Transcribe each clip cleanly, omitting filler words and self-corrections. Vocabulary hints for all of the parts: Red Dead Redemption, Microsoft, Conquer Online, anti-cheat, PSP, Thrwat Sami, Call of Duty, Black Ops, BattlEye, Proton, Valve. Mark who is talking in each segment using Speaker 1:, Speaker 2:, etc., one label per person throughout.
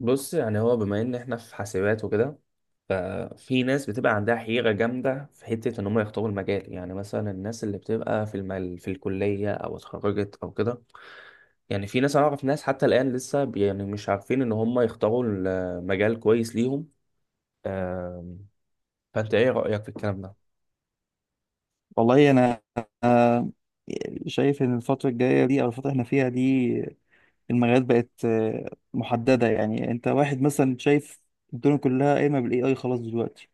Speaker 1: بص، يعني هو بما ان احنا في حاسبات وكده. ففي ناس بتبقى عندها حيرة جامدة في حتة ان هم يختاروا المجال. يعني مثلا الناس اللي بتبقى في المل في الكلية او اتخرجت او كده. يعني في ناس اعرف ناس حتى الان لسه يعني مش عارفين ان هم يختاروا المجال كويس ليهم. آم، فانت ايه رأيك في الكلام ده؟
Speaker 2: والله انا أنا شايف ان الفتره الجايه دي او الفتره اللي احنا فيها دي المجالات بقت محدده. يعني انت واحد مثلا شايف الدنيا كلها قايمه بالاي اي خلاص دلوقتي.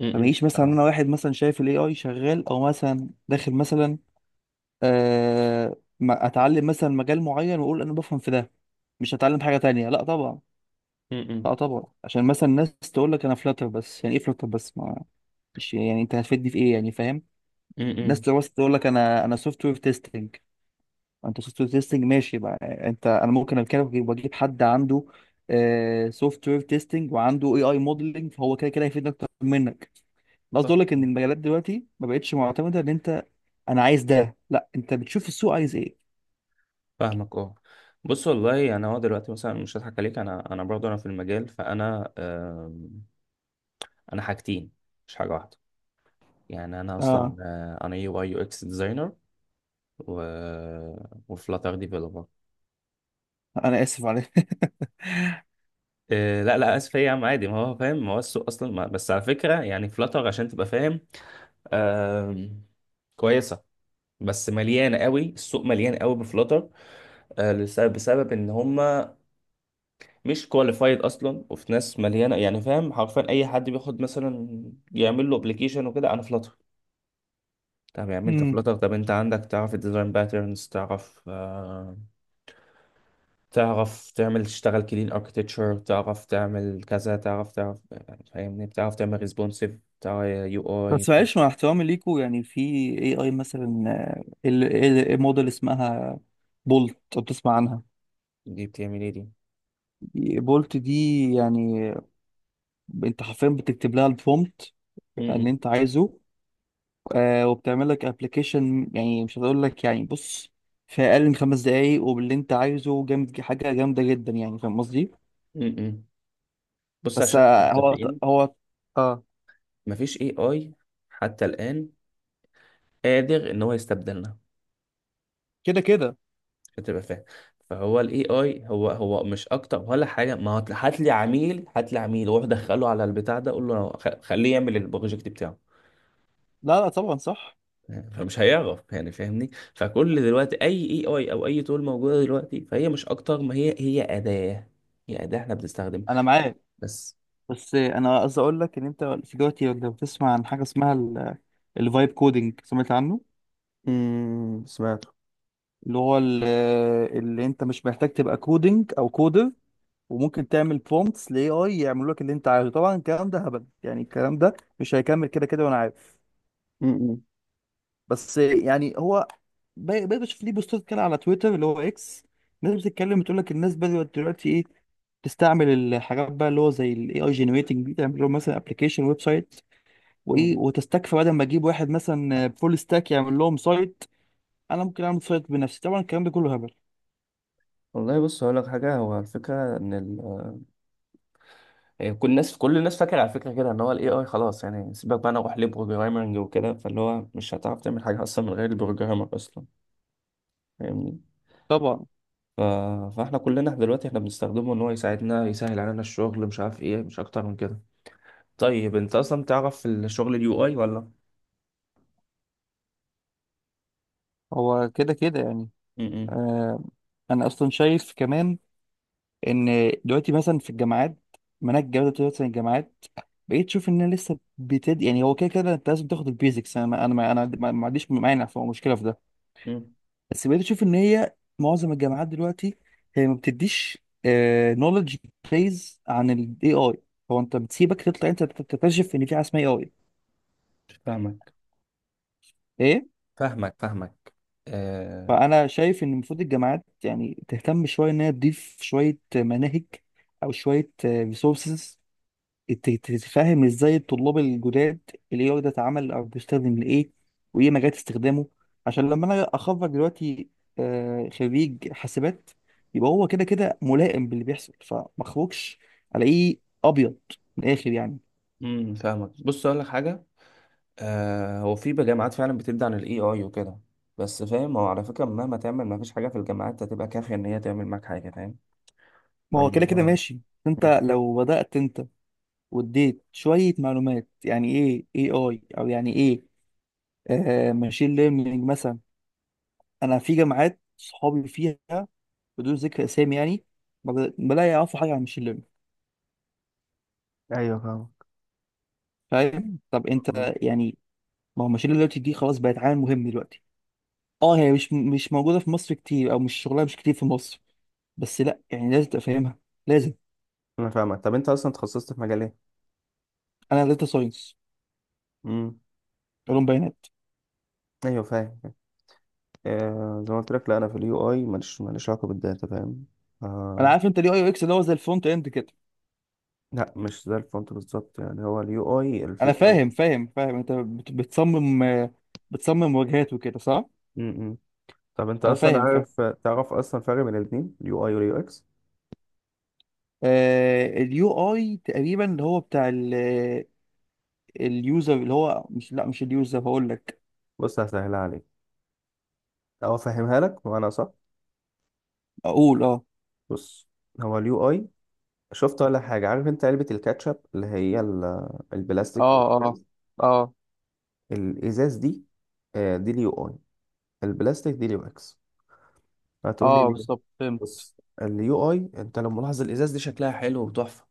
Speaker 1: م-
Speaker 2: فما
Speaker 1: م.
Speaker 2: يجيش مثلا
Speaker 1: فاهمك.
Speaker 2: انا واحد مثلا شايف الاي اي شغال او مثلا داخل مثلا أه ما- اتعلم مثلا مجال معين واقول انا بفهم في ده، مش هتعلم حاجه تانية؟ لا طبعا.
Speaker 1: م-
Speaker 2: لا طبعا، عشان مثلا الناس تقول لك انا فلاتر، بس يعني ايه فلاتر بس؟ ما مش يعني انت هتفيدني في ايه، يعني فاهم. الناس
Speaker 1: م-
Speaker 2: تقول لك انا سوفت وير تيستنج، انت سوفت وير تيستنج ماشي بقى، انت ممكن اتكلم واجيب حد عنده سوفت وير تيستنج وعنده اي اي موديلنج، فهو كده كده هيفيدني اكتر منك. أنا قصدي اقول لك ان
Speaker 1: فاهمك
Speaker 2: المجالات دلوقتي ما بقتش معتمده ان انت انا عايز ده، لا انت بتشوف السوق عايز ايه.
Speaker 1: فاهمك، اه. بص، والله يعني هو دلوقتي مثلا مش هضحك عليك. انا برضه انا في المجال، فانا حاجتين، مش حاجه واحده. يعني انا اصلا
Speaker 2: اه،
Speaker 1: انا UI UX ديزاينر. و وفلاتر ديفلوبر.
Speaker 2: انا اسف عليك.
Speaker 1: إيه لا لا، اسف إيه يا عم عادي، ما هو فاهم. ما هو السوق اصلا، ما بس على فكره، يعني فلاتر عشان تبقى فاهم آم، كويسه. بس مليانه قوي، السوق مليان قوي بفلاتر. لسبب بسبب ان هم مش كواليفايد اصلا. وفي ناس مليانه، يعني فاهم، حرفيا اي حد بياخد مثلا يعمل له ابلكيشن وكده انا فلاتر. طب يا عم انت
Speaker 2: مم.
Speaker 1: فلاتر، طب انت عندك، تعرف الديزاين باترنز، تعرف تعرف تعمل، تشتغل كلين اركتكتشر، تعرف تعمل كذا، تعرف يعني فاهمني، بتعرف تعمل ريسبونسيف بتاع UI.
Speaker 2: بس معلش مع احترامي ليكوا، يعني في اي اي مثلا، الموديل اسمها بولت، لو بتسمع عنها.
Speaker 1: دي بتعمل ايه دي؟
Speaker 2: بولت دي يعني انت حرفيا بتكتب لها البرومبت اللي
Speaker 1: م-م.
Speaker 2: انت عايزه، آه، وبتعمل لك ابلكيشن. يعني مش هقول لك، يعني بص، في اقل من 5 دقايق وباللي انت عايزه، جامد، حاجه جامده جدا، يعني فاهم قصدي.
Speaker 1: م-م. بص
Speaker 2: بس
Speaker 1: عشان نبقى
Speaker 2: آه، هو
Speaker 1: متفقين،
Speaker 2: هو اه
Speaker 1: مفيش AI حتى الان قادر ان هو يستبدلنا،
Speaker 2: كده كده.
Speaker 1: عشان تبقى فاهم. فهو the AI هو مش اكتر ولا حاجه. ما هو هات لي عميل، هات لي عميل واروح ادخله على البتاع ده اقول له خليه يعمل البروجكت بتاعه،
Speaker 2: لا لا طبعا صح،
Speaker 1: فمش هيعرف. يعني فاهمني. فكل دلوقتي اي اي، اي او اي تول موجوده دلوقتي، فهي مش اكتر، ما هي اداه. هي اداه احنا بنستخدمها
Speaker 2: انا معاك.
Speaker 1: بس.
Speaker 2: بس آه، انا قصدي اقول لك ان انت في دلوقتي لو بتسمع عن حاجه اسمها الفايب كودنج، سمعت عنه؟
Speaker 1: امم، سمعت.
Speaker 2: اللي هو ال- اللي انت مش محتاج تبقى كودنج او كودر، وممكن تعمل برومتس لاي اي يعملوا لك اللي انت عايزه. طبعا الكلام ده هبل، يعني الكلام ده مش هيكمل كده كده، وانا عارف. بس يعني هو بقيت بشوف ليه بوستات كده على تويتر اللي هو اكس، ناس بتتكلم بتقول لك الناس بدأت دلوقتي ايه، تستعمل الحاجات بقى اللي هو زي الاي اي جنريتنج دي، تعمل لهم مثلا ابلكيشن، ويب سايت، وايه، وتستكفى. بدل ما اجيب واحد مثلا فول ستاك يعمل لهم سايت، انا ممكن اعمل سايت بنفسي. طبعا الكلام ده كله هبل.
Speaker 1: والله بص هقول لك حاجه. هو الفكره ان ال، يعني كل الناس، كل الناس فاكره على فكره كده ان هو the AI خلاص، يعني سيبك بقى انا اروح لبروجرامنج وكده. فاللي هو مش هتعرف تعمل حاجه اصلا من غير البروجرامر اصلا. فاهمني.
Speaker 2: طبعا
Speaker 1: ف... فاحنا كلنا دلوقتي احنا بنستخدمه ان هو يساعدنا، يسهل علينا الشغل، مش عارف ايه، مش اكتر من كده. طيب انت اصلا تعرف في الشغل the UI ولا؟
Speaker 2: هو كده كده يعني.
Speaker 1: امم.
Speaker 2: آه، انا اصلا شايف كمان ان دلوقتي مثلا في الجامعات، مناهج الجامعات دلوقتي، مثلا الجامعات بقيت تشوف انها لسه بتد، يعني هو كده كده انت لازم تاخد البيزكس، انا ما عنديش مانع، في مشكله في ده.
Speaker 1: امم،
Speaker 2: بس بقيت اشوف ان هي معظم الجامعات دلوقتي هي ما بتديش نولج بيز عن الاي اي، هو انت بتسيبك تطلع انت تكتشف ان في حاجه اسمها اي اي،
Speaker 1: فاهمك
Speaker 2: ايه.
Speaker 1: فاهمك فاهمك. آه.
Speaker 2: فانا شايف ان المفروض الجامعات يعني تهتم شويه ان هي تضيف شويه مناهج او شويه ريسورسز، تفهم ازاي الطلاب الجداد الاي اي ده اتعمل او بيستخدم لايه، وايه مجالات استخدامه. عشان لما انا اخرج دلوقتي، آه، خريج حاسبات، يبقى هو كده كده ملائم باللي بيحصل، فما اخرجش الاقيه ابيض من الاخر يعني.
Speaker 1: امم، فاهمك. بص اقول لك حاجه. آه، هو في جامعات فعلا بتبدأ عن the AI وكده. بس فاهم، هو على فكرة مهما تعمل ما فيش حاجة في الجامعات هتبقى كافية ان هي تعمل معاك حاجة، فاهم.
Speaker 2: ما هو كده كده
Speaker 1: فالموضوع.
Speaker 2: ماشي. انت
Speaker 1: مم.
Speaker 2: لو بدأت انت واديت شوية معلومات يعني ايه اي اي، او يعني ايه آه ماشين ليرنينج مثلا، انا في جامعات صحابي فيها، بدون ذكر اسامي يعني، ما بلا يعرفوا حاجة عن ماشين ليرنينج.
Speaker 1: ايوه، فاهمك.
Speaker 2: فاهم؟ طب انت
Speaker 1: م-م.
Speaker 2: يعني، ما هو ماشين دلوقتي دي خلاص بقت عامل مهم دلوقتي. اه هي مش مش موجوده في مصر كتير، او مش شغلها مش كتير في مصر، بس لا يعني لازم تبقى فاهمها، لازم.
Speaker 1: انا فاهمك. طب انت اصلا تخصصت في مجال ايه؟
Speaker 2: انا داتا ساينس،
Speaker 1: امم.
Speaker 2: علوم بيانات.
Speaker 1: ايوه، فاهم. آه، زي ما قلت لك، لا انا في the UI ماليش علاقة بالداتا، فاهم.
Speaker 2: انا
Speaker 1: آه،
Speaker 2: عارف انت اليو اي يو اكس اللي هو زي الفرونت اند كده.
Speaker 1: لا مش زي الفونت بالظبط، يعني هو the UI
Speaker 2: انا
Speaker 1: الفكرة.
Speaker 2: فاهم فاهم، انت بتصمم، بتصمم واجهات وكده، صح؟
Speaker 1: م -م. طب انت
Speaker 2: انا
Speaker 1: اصلا
Speaker 2: فاهم.
Speaker 1: عارف، تعرف اصلا فرق بين الاتنين the UI and the UX؟
Speaker 2: آه اليو اي تقريبا اللي هو بتاع اليوزر، اللي هو مش، لا مش اليوزر، هقول لك.
Speaker 1: بص هسهلها عليك، او افهمها لك وانا صح.
Speaker 2: اقول اه.
Speaker 1: بص، هو اليو اي، شفت ولا حاجة؟ عارف انت علبة الكاتشب اللي هي البلاستيك
Speaker 2: اه،
Speaker 1: والازاز؟
Speaker 2: اه،
Speaker 1: الازاز دي، آه، دي the UI. البلاستيك دي the UX. هتقول لي
Speaker 2: اه،
Speaker 1: ليه.
Speaker 2: بالظبط فهمت.
Speaker 1: بص، the UI انت لو ملاحظ الازاز دي شكلها حلو وتحفة،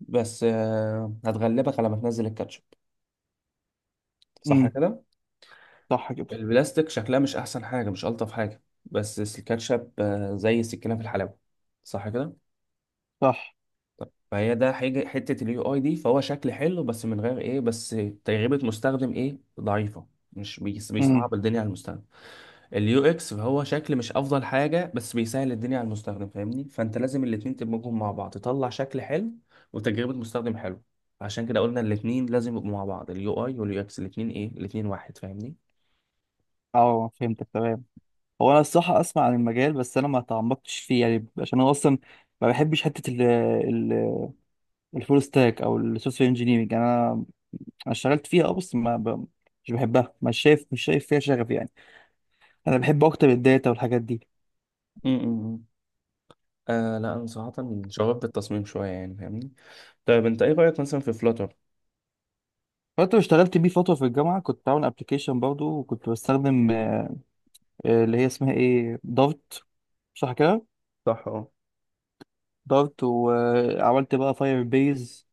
Speaker 1: بس هتغلبك على ما تنزل الكاتشب، صح
Speaker 2: امم،
Speaker 1: كده؟
Speaker 2: صح كده.
Speaker 1: البلاستيك شكلها مش احسن حاجه، مش الطف حاجه، بس الكاتشب زي السكينه في الحلاوه، صح كده؟
Speaker 2: صح.
Speaker 1: فهي ده حاجه، حته the UI دي فهو شكل حلو بس من غير ايه، بس تجربه مستخدم ايه ضعيفه. مش
Speaker 2: امم.
Speaker 1: بيصعب الدنيا على المستخدم. the UX فهو شكل مش افضل حاجه بس بيسهل الدنيا على المستخدم، فاهمني. فانت لازم الاتنين تدمجهم مع بعض، تطلع شكل حلو وتجربه مستخدم حلو. عشان كده قلنا الاتنين لازم يبقوا مع بعض، the UI and the UX الاتنين، ايه، الاتنين واحد.
Speaker 2: اه فهمتك تمام. هو انا الصراحه اسمع عن المجال بس انا ما تعمقتش فيه، يعني عشان انا اصلا ما بحبش حته ال ال الفول ستاك او السوفت وير انجينيرنج. انا أنا اشتغلت فيها اه، بس ما ب... مش بحبها، مش شايف، مش شايف فيها شغف يعني. انا بحب اكتر الداتا والحاجات دي.
Speaker 1: فاهمني. لا، انا صراحه شغوف بالتصميم شويه، يعني فاهمني. طيب انت ايه رايك مثلا في فلاتر؟
Speaker 2: فانت اشتغلت بيه فتره في الجامعه، كنت بعمل ابلكيشن برضه، وكنت بستخدم اللي هي اسمها ايه، دارت، صح كده؟
Speaker 1: صح، اه.
Speaker 2: دارت، وعملت بقى فاير بيز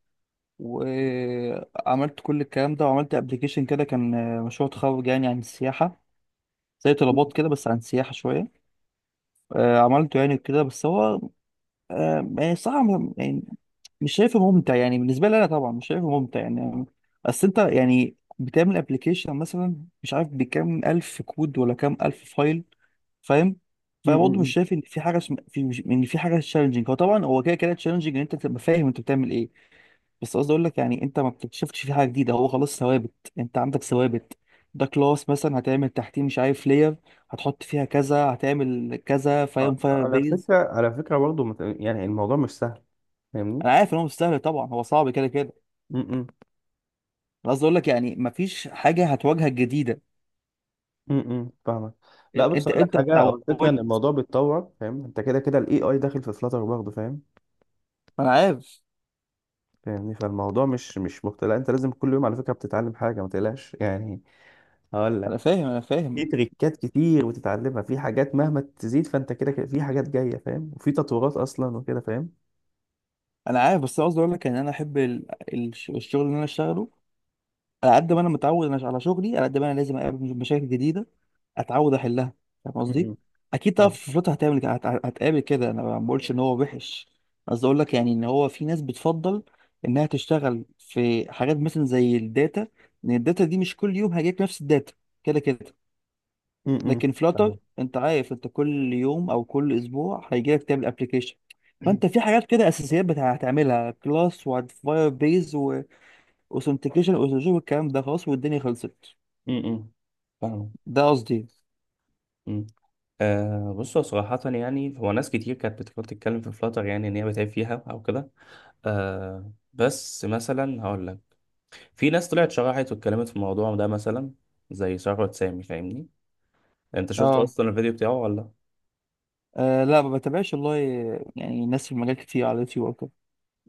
Speaker 2: وعملت كل الكلام ده، وعملت ابلكيشن كده، كان آه، مشروع تخرج يعني، عن السياحة، زي
Speaker 1: م-
Speaker 2: طلبات كده بس عن السياحة شوية. آه، عملته يعني كده، بس هو آه، يعني صراحة يعني مش شايفه ممتع، يعني بالنسبة لي أنا طبعا مش شايفه ممتع يعني. أصل أنت يعني بتعمل ابلكيشن مثلا، مش عارف بكام ألف كود ولا كام ألف فايل، فاهم.
Speaker 1: م-
Speaker 2: فبرضه
Speaker 1: م-
Speaker 2: مش
Speaker 1: م.
Speaker 2: شايف إن في حاجة في إن في حاجة تشالنجينج، هو طبعا هو كده كده تشالنجينج إن أنت تبقى فاهم أنت بتعمل إيه. بس قصدي اقول لك يعني انت ما بتكتشفتش فيه حاجه جديده، هو خلاص ثوابت، انت عندك ثوابت، ده كلاس مثلا هتعمل تحتيه، مش عارف لير، هتحط فيها كذا، هتعمل كذا، فاهم، فاير
Speaker 1: على
Speaker 2: بيز.
Speaker 1: فكرة، برضه يعني الموضوع مش سهل، فاهمني.
Speaker 2: انا عارف ان هو مش سهل طبعا، هو صعب كده كده.
Speaker 1: م- م.
Speaker 2: انا قصدي اقول لك يعني ما فيش حاجه هتواجهك جديده.
Speaker 1: م- م. فاهمك. لا، بص
Speaker 2: انت
Speaker 1: اقول لك
Speaker 2: انت
Speaker 1: حاجة، او الفكرة ان
Speaker 2: اتعودت.
Speaker 1: الموضوع بيتطور، فاهم. انت كده كده the AI داخل في فلاتر برضه، فاهم.
Speaker 2: انا عارف.
Speaker 1: فاهمني، فالموضوع مش مختلف. لا، انت لازم كل يوم على فكرة بتتعلم حاجة، ما تقلقش يعني. هقول لك،
Speaker 2: انا انا
Speaker 1: في
Speaker 2: فاهم.
Speaker 1: تريكات كتير بتتعلمها، في حاجات مهما تزيد فانت كده كده في حاجات جاية، فاهم. وفي تطورات اصلا وكده، فاهم.
Speaker 2: انا عارف، بس أنا قصدي اقول لك ان انا احب الشغل اللي انا اشتغله، على قد ما انا متعود انا على شغلي، على قد ما انا لازم اقابل مشاكل جديده اتعود احلها، فاهم
Speaker 1: م-
Speaker 2: قصدي.
Speaker 1: م.
Speaker 2: اكيد طبعا
Speaker 1: فاهم.
Speaker 2: في فلوتها هتعمل، هتقابل كده، انا ما بقولش ان هو وحش. قصدي اقول لك يعني ان هو في ناس بتفضل انها تشتغل في حاجات مثلا زي الداتا، لان الداتا دي مش كل يوم هيجيلك نفس الداتا، كده كده.
Speaker 1: م- م.
Speaker 2: لكن فلاتر
Speaker 1: فاهم
Speaker 2: انت عارف انت كل يوم او كل اسبوع هيجيلك تعمل ابلكيشن. فانت في حاجات كده اساسيات هتعملها كلاس، وهتفاير بيز، اوثنتيكيشن واوثنتيكيشن، والكلام ده خلاص والدنيا خلصت.
Speaker 1: م- م. فاهم.
Speaker 2: ده قصدي.
Speaker 1: م. بصوا صراحة، يعني هو ناس كتير كانت بتحاول تتكلم في فلاتر، يعني إن هي بتعب فيها أو كده. آه، بس مثلا هقول لك، في ناس طلعت شرحت واتكلمت في الموضوع ده مثلا، زي ثروت سامي، فاهمني. أنت شفت
Speaker 2: اه،
Speaker 1: أصلا الفيديو بتاعه ولا؟
Speaker 2: آه، لا ما بتابعش والله، يعني ناس في المجال كتير على اليوتيوب او كده.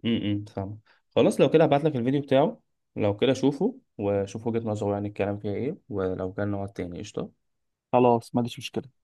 Speaker 1: امم، فاهم. خلاص، لو كده هبعت لك الفيديو بتاعه. لو كده شوفه وشوف وجهة نظره، يعني الكلام فيها إيه، ولو كان نقعد تاني، قشطة.
Speaker 2: خلاص، ما عنديش مشكله.